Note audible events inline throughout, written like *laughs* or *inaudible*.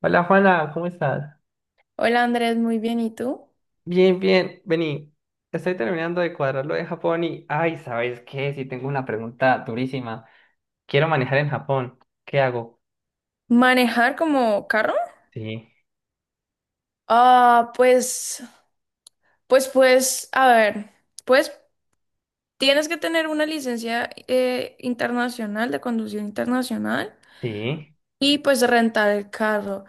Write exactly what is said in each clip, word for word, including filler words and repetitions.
Hola Juana, ¿cómo estás? Hola Andrés, muy bien, ¿y tú? Bien, bien, vení. Estoy terminando de cuadrar lo de Japón y, ay, ¿sabes qué? Sí, tengo una pregunta durísima. Quiero manejar en Japón. ¿Qué hago? ¿Manejar como carro? Sí, Ah, pues, pues, pues, a ver, pues tienes que tener una licencia eh, internacional de conducción internacional sí. y pues rentar el carro.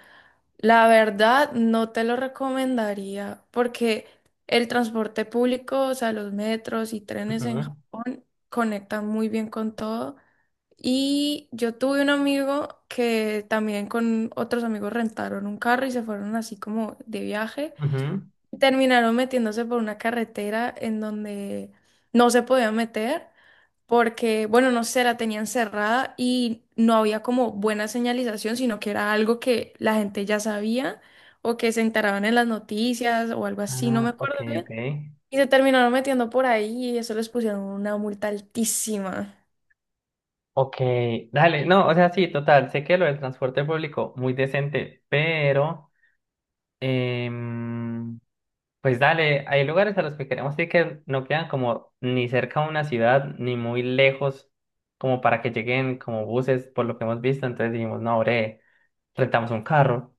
La verdad, no te lo recomendaría porque el transporte público, o sea, los metros y trenes en Ujú, Japón conectan muy bien con todo. Y yo tuve un amigo que también con otros amigos rentaron un carro y se fueron así como de viaje. ujú. Terminaron metiéndose por una carretera en donde no se podían meter porque, bueno, no sé, la tenían cerrada y no había como buena señalización, sino que era algo que la gente ya sabía o que se enteraban en las noticias o algo así, no Ah, me ok, acuerdo bien. ok. Y se terminaron metiendo por ahí y eso les pusieron una multa altísima. Ok, dale. No, o sea, sí, total. Sé que lo del transporte público, muy decente, pero... em, Pues dale, hay lugares a los que queremos ir que no quedan como ni cerca de una ciudad ni muy lejos como para que lleguen como buses por lo que hemos visto, entonces dijimos, no, bre, rentamos un carro.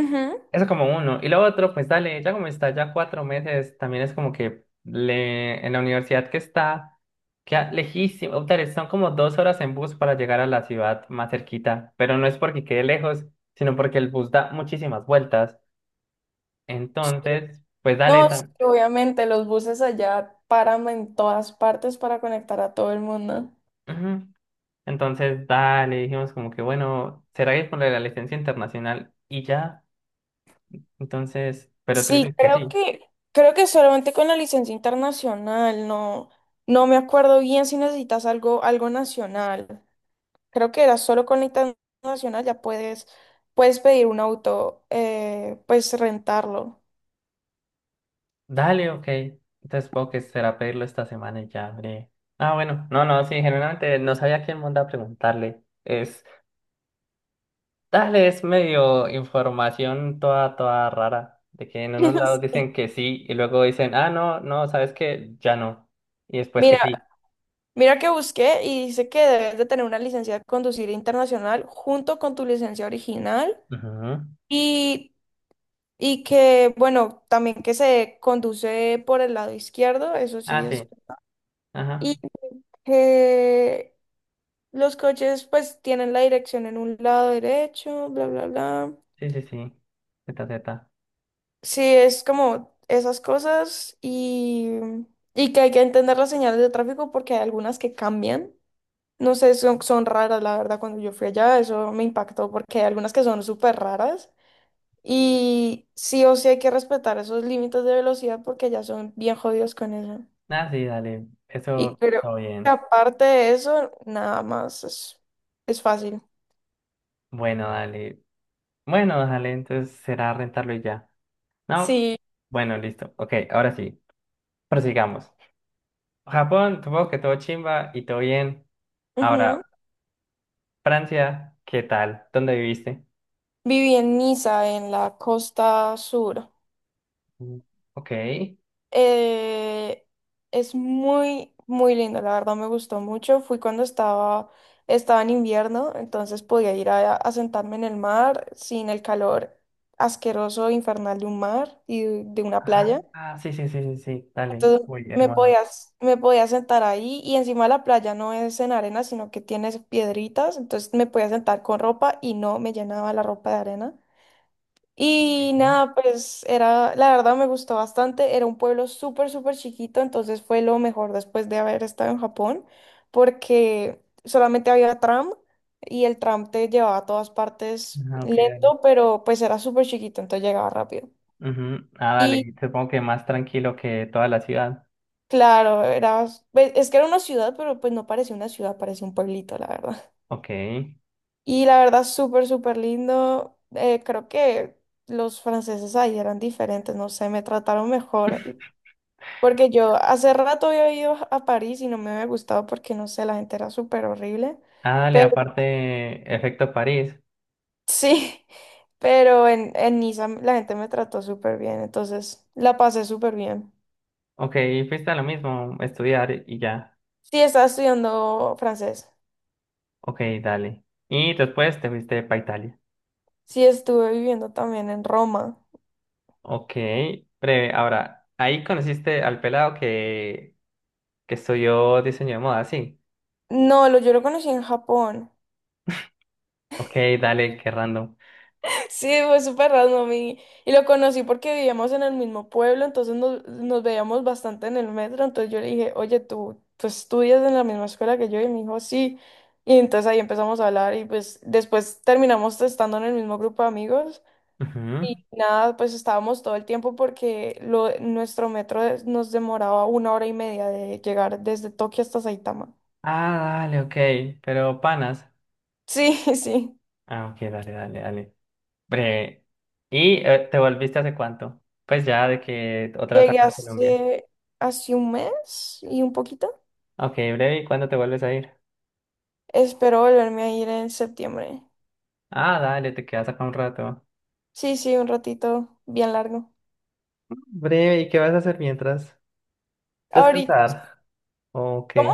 Ujú. Eso como uno. Y lo otro, pues dale, ya como está ya cuatro meses, también es como que le, en la universidad que está, queda lejísimo, dale, son como dos horas en bus para llegar a la ciudad más cerquita, pero no es porque quede lejos, sino porque el bus da muchísimas vueltas. Entonces, pues dale. No, sí, Mm. obviamente los buses allá paran en todas partes para conectar a todo el mundo. También. Entonces, dale, dijimos como que, bueno, ¿será que es por la licencia internacional? Y ya, entonces, pero tú Sí, dices que creo sí. que creo que solamente con la licencia internacional, no no me acuerdo bien si necesitas algo algo nacional. Creo que era solo con la internacional ya puedes puedes pedir un auto, eh, pues rentarlo. Dale, ok. Entonces, supongo que será pedirlo esta semana y ya, breve. Ah, bueno, no, no, sí, generalmente no sabía quién mandar a preguntarle. Es, dale, es medio información toda, toda rara, de que en unos *laughs* lados dicen Sí. que sí y luego dicen, ah, no, no, ¿sabes que Ya no. Y después que Mira, sí. mira que busqué y dice que debes de tener una licencia de conducir internacional junto con tu licencia original. Ujú. Y Y que, bueno, también que se conduce por el lado izquierdo, eso sí Ah, es. sí, ajá, Y que los coches pues tienen la dirección en un lado derecho, bla, bla, bla. sí, sí, sí, zeta, zeta. Sí, es como esas cosas y, y que hay que entender las señales de tráfico porque hay algunas que cambian. No sé, son, son raras, la verdad, cuando yo fui allá, eso me impactó porque hay algunas que son súper raras. Y sí o sí hay que respetar esos límites de velocidad porque ya son bien jodidos con eso. Ah, sí, dale. Y Eso, creo todo que bien. aparte de eso, nada más es, es fácil. Bueno, dale. Bueno, dale, entonces será rentarlo y ya. ¿No? Sí, Bueno, listo. Ok, ahora sí. Prosigamos. Japón, supongo que todo chimba y todo bien. ujú. Ahora, Francia, ¿qué tal? ¿Dónde viviste? Viví en Niza, en la costa sur. Mm. Ok. Eh, es muy, muy lindo, la verdad me gustó mucho. Fui cuando estaba, estaba en invierno, entonces podía ir a, a sentarme en el mar sin el calor asqueroso, infernal de un mar y de una Ah, playa. ah, sí, sí, sí, sí, sí. Dale. Entonces Uy, me hermoso. podías, me podía sentar ahí y encima la playa no es en arena, sino que tienes piedritas, entonces me podía sentar con ropa y no me llenaba la ropa de arena. Y Ok. nada, pues era, la verdad me gustó bastante, era un pueblo súper, súper chiquito, entonces fue lo mejor después de haber estado en Japón, porque solamente había tram y el tram te llevaba a todas partes Ah, ok, dale. lento, pero pues era súper chiquito, entonces llegaba rápido. Ujú. Ah, dale. Supongo que más tranquilo que toda la ciudad. Claro, era, pues, es que era una ciudad, pero pues no parecía una ciudad, parecía un pueblito, la verdad. *laughs* Ok. Y la verdad, súper, súper lindo. Eh, creo que los franceses ahí eran diferentes, no sé, me trataron mejor. Porque yo hace rato había ido a París y no me había gustado porque, no sé, la gente era súper horrible. Ah, dale, Pero aparte, efecto París. sí, *laughs* pero en, en Niza la gente me trató súper bien, entonces la pasé súper bien. Ok, fuiste a lo mismo, estudiar y ya. Sí, estaba estudiando francés. Ok, dale. Y después te fuiste para Italia. Sí, estuve viviendo también en Roma. Ok, breve. Ahora, ahí conociste al pelado que, que estudió diseño de moda, sí. No, lo, Yo lo conocí en Japón. *laughs* Ok, dale, qué random. Sí, fue súper random y, y lo conocí porque vivíamos en el mismo pueblo, entonces nos, nos veíamos bastante en el metro, entonces yo le dije, oye, tú, tú estudias en la misma escuela que yo y me dijo, sí. Y entonces ahí empezamos a hablar y pues después terminamos estando en el mismo grupo de amigos y Ujú. nada, pues estábamos todo el tiempo porque lo, nuestro metro nos demoraba una hora y media de llegar desde Tokio hasta Saitama. Ah, dale, ok. Pero panas. Sí, *laughs* sí. Ah, ok, dale, dale, dale. Breve. ¿Y eh, te volviste hace cuánto? Pues ya de que otra vez Llegué acá en Colombia. hace, hace un mes y un poquito. Ok, breve. ¿Y cuándo te vuelves a ir? Espero volverme a ir en septiembre. Ah, dale, te quedas acá un rato. Sí, sí, un ratito bien largo. Breve, ¿y qué vas a hacer mientras? Ahorita, Descansar. ¿O ¿cómo?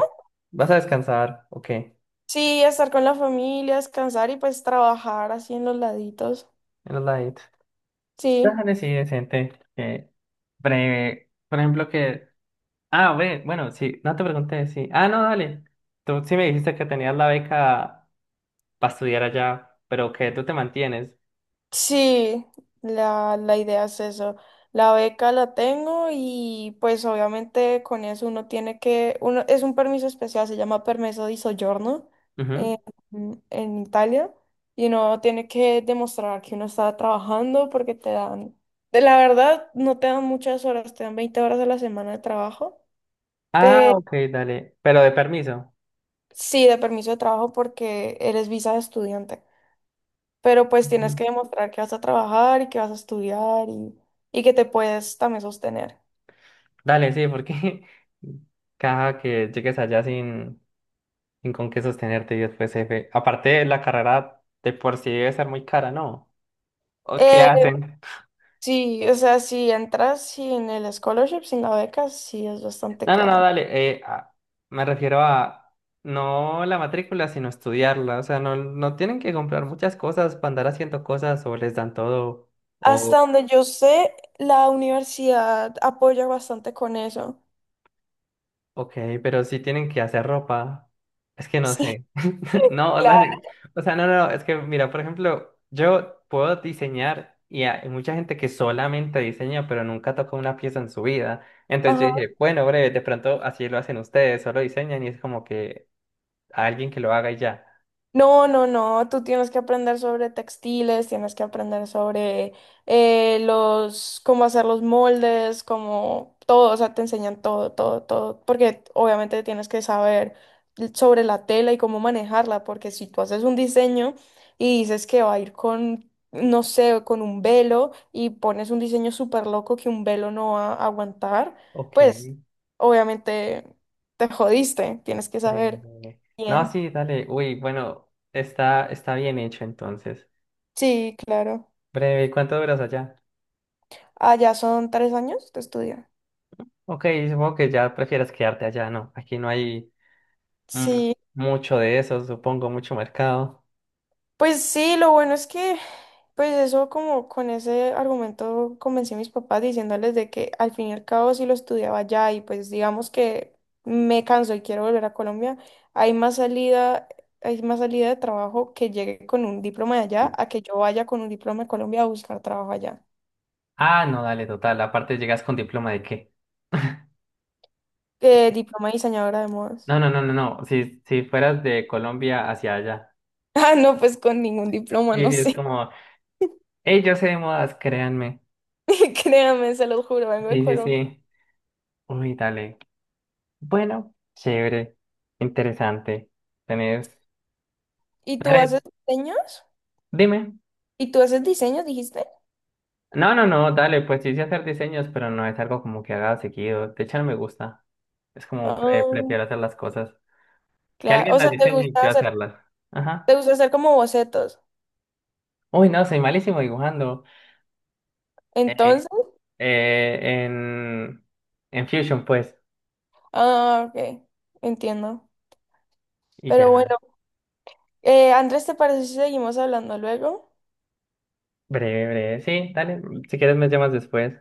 ¿Vas a descansar? ¿O qué? Sí, estar con la familia, descansar y pues trabajar así en los laditos. En los laditos. Sí. Déjale, sí, decente. Que breve. Por ejemplo, que. Ah, ve, bueno, sí, no te pregunté, sí. Ah, no, dale. Tú sí me dijiste que tenías la beca para estudiar allá, pero que tú te mantienes. Sí, la, la idea es eso. La beca la tengo y pues obviamente con eso uno tiene que, uno, es un permiso especial, se llama permiso di soggiorno en, Ujú. en Italia y uno tiene que demostrar que uno está trabajando porque te dan, de la verdad no te dan muchas horas, te dan veinte horas a la semana de trabajo, Ah, pero ok, dale. Pero de permiso. sí, de permiso de trabajo porque eres visa de estudiante. Pero pues tienes Ujú. que demostrar que vas a trabajar y que vas a estudiar y, y que te puedes también sostener. Dale, sí, porque *laughs* caja que llegues allá sin, sin con qué sostenerte y después, jefe. Aparte, la carrera de por sí debe ser muy cara, ¿no? ¿O qué Eh, hacen? sí, o sea, si entras sin el scholarship, sin la beca, sí es bastante No, no, no, cara. dale. Eh, a- me refiero a no la matrícula, sino estudiarla. O sea, no, no tienen que comprar muchas cosas para andar haciendo cosas o les dan todo. O, Hasta donde yo sé, la universidad apoya bastante con eso. *laughs* ok, pero sí tienen que hacer ropa. Es que no Sí, sé. *laughs* No, claro. dale. O sea, no, no, no, es que mira, por ejemplo, yo puedo diseñar y hay mucha gente que solamente diseña, pero nunca toca una pieza en su vida. Entonces yo Ajá. dije, bueno, breve, de pronto así lo hacen ustedes, solo diseñan y es como que. A alguien que lo haga y ya. No, no, no, tú tienes que aprender sobre textiles, tienes que aprender sobre eh, los, cómo hacer los moldes, cómo todo, o sea, te enseñan todo, todo, todo, porque obviamente tienes que saber sobre la tela y cómo manejarla, porque si tú haces un diseño y dices que va a ir con, no sé, con un velo y pones un diseño súper loco que un velo no va a aguantar, Ok, pues obviamente te jodiste, tienes que saber breve. No, bien. sí, dale. Uy, bueno, está, está bien hecho entonces. Sí, claro. Breve, ¿y cuánto duras allá? Ah, ya son tres años de estudio. Ok, supongo que ya prefieras quedarte allá, ¿no? Aquí no hay mm, Sí, mucho de eso, supongo, mucho mercado. pues sí, lo bueno es que, pues eso como con ese argumento convencí a mis papás diciéndoles de que al fin y al cabo si lo estudiaba allá y pues digamos que me canso y quiero volver a Colombia, hay más salida, hay más salida de trabajo que llegue con un diploma de allá a que yo vaya con un diploma de Colombia a buscar trabajo allá. Ah, no, dale, total. Aparte, llegas con diploma de qué. *laughs* Eh, diploma de diseñadora de modas. No, no, no, no, no. Si, si fueras de Colombia hacia allá. *laughs* Ah, no, pues con ningún diploma, Sí, no sí, es sé. como, hey, yo sé de modas, créanme. *laughs* Créame, se lo juro, vengo de Sí, sí, Colombia. sí. Uy, dale. Bueno, chévere, interesante. Tenés. ¿Y tú Dale, haces diseños? dime. ¿Y tú haces diseños, dijiste? No, no, no, dale, pues sí sé hacer diseños, pero no es algo como que haga seguido. De hecho, no me gusta. Es como pre- Ah, prefiero hacer las cosas. Que claro. alguien O las sea, te diseñe y gusta yo hacer, hacerlas. Ajá. te gusta hacer como bocetos. Uy, no, soy malísimo dibujando. Entonces, Eh, eh, en, en Fusion, pues. ah, ok, entiendo. Y Pero ya. bueno, eh, Andrés, ¿te parece si seguimos hablando luego? Breve, breve. Sí, dale. Si quieres me llamas después.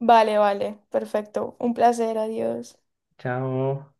Vale, vale, perfecto. Un placer, adiós. Chao.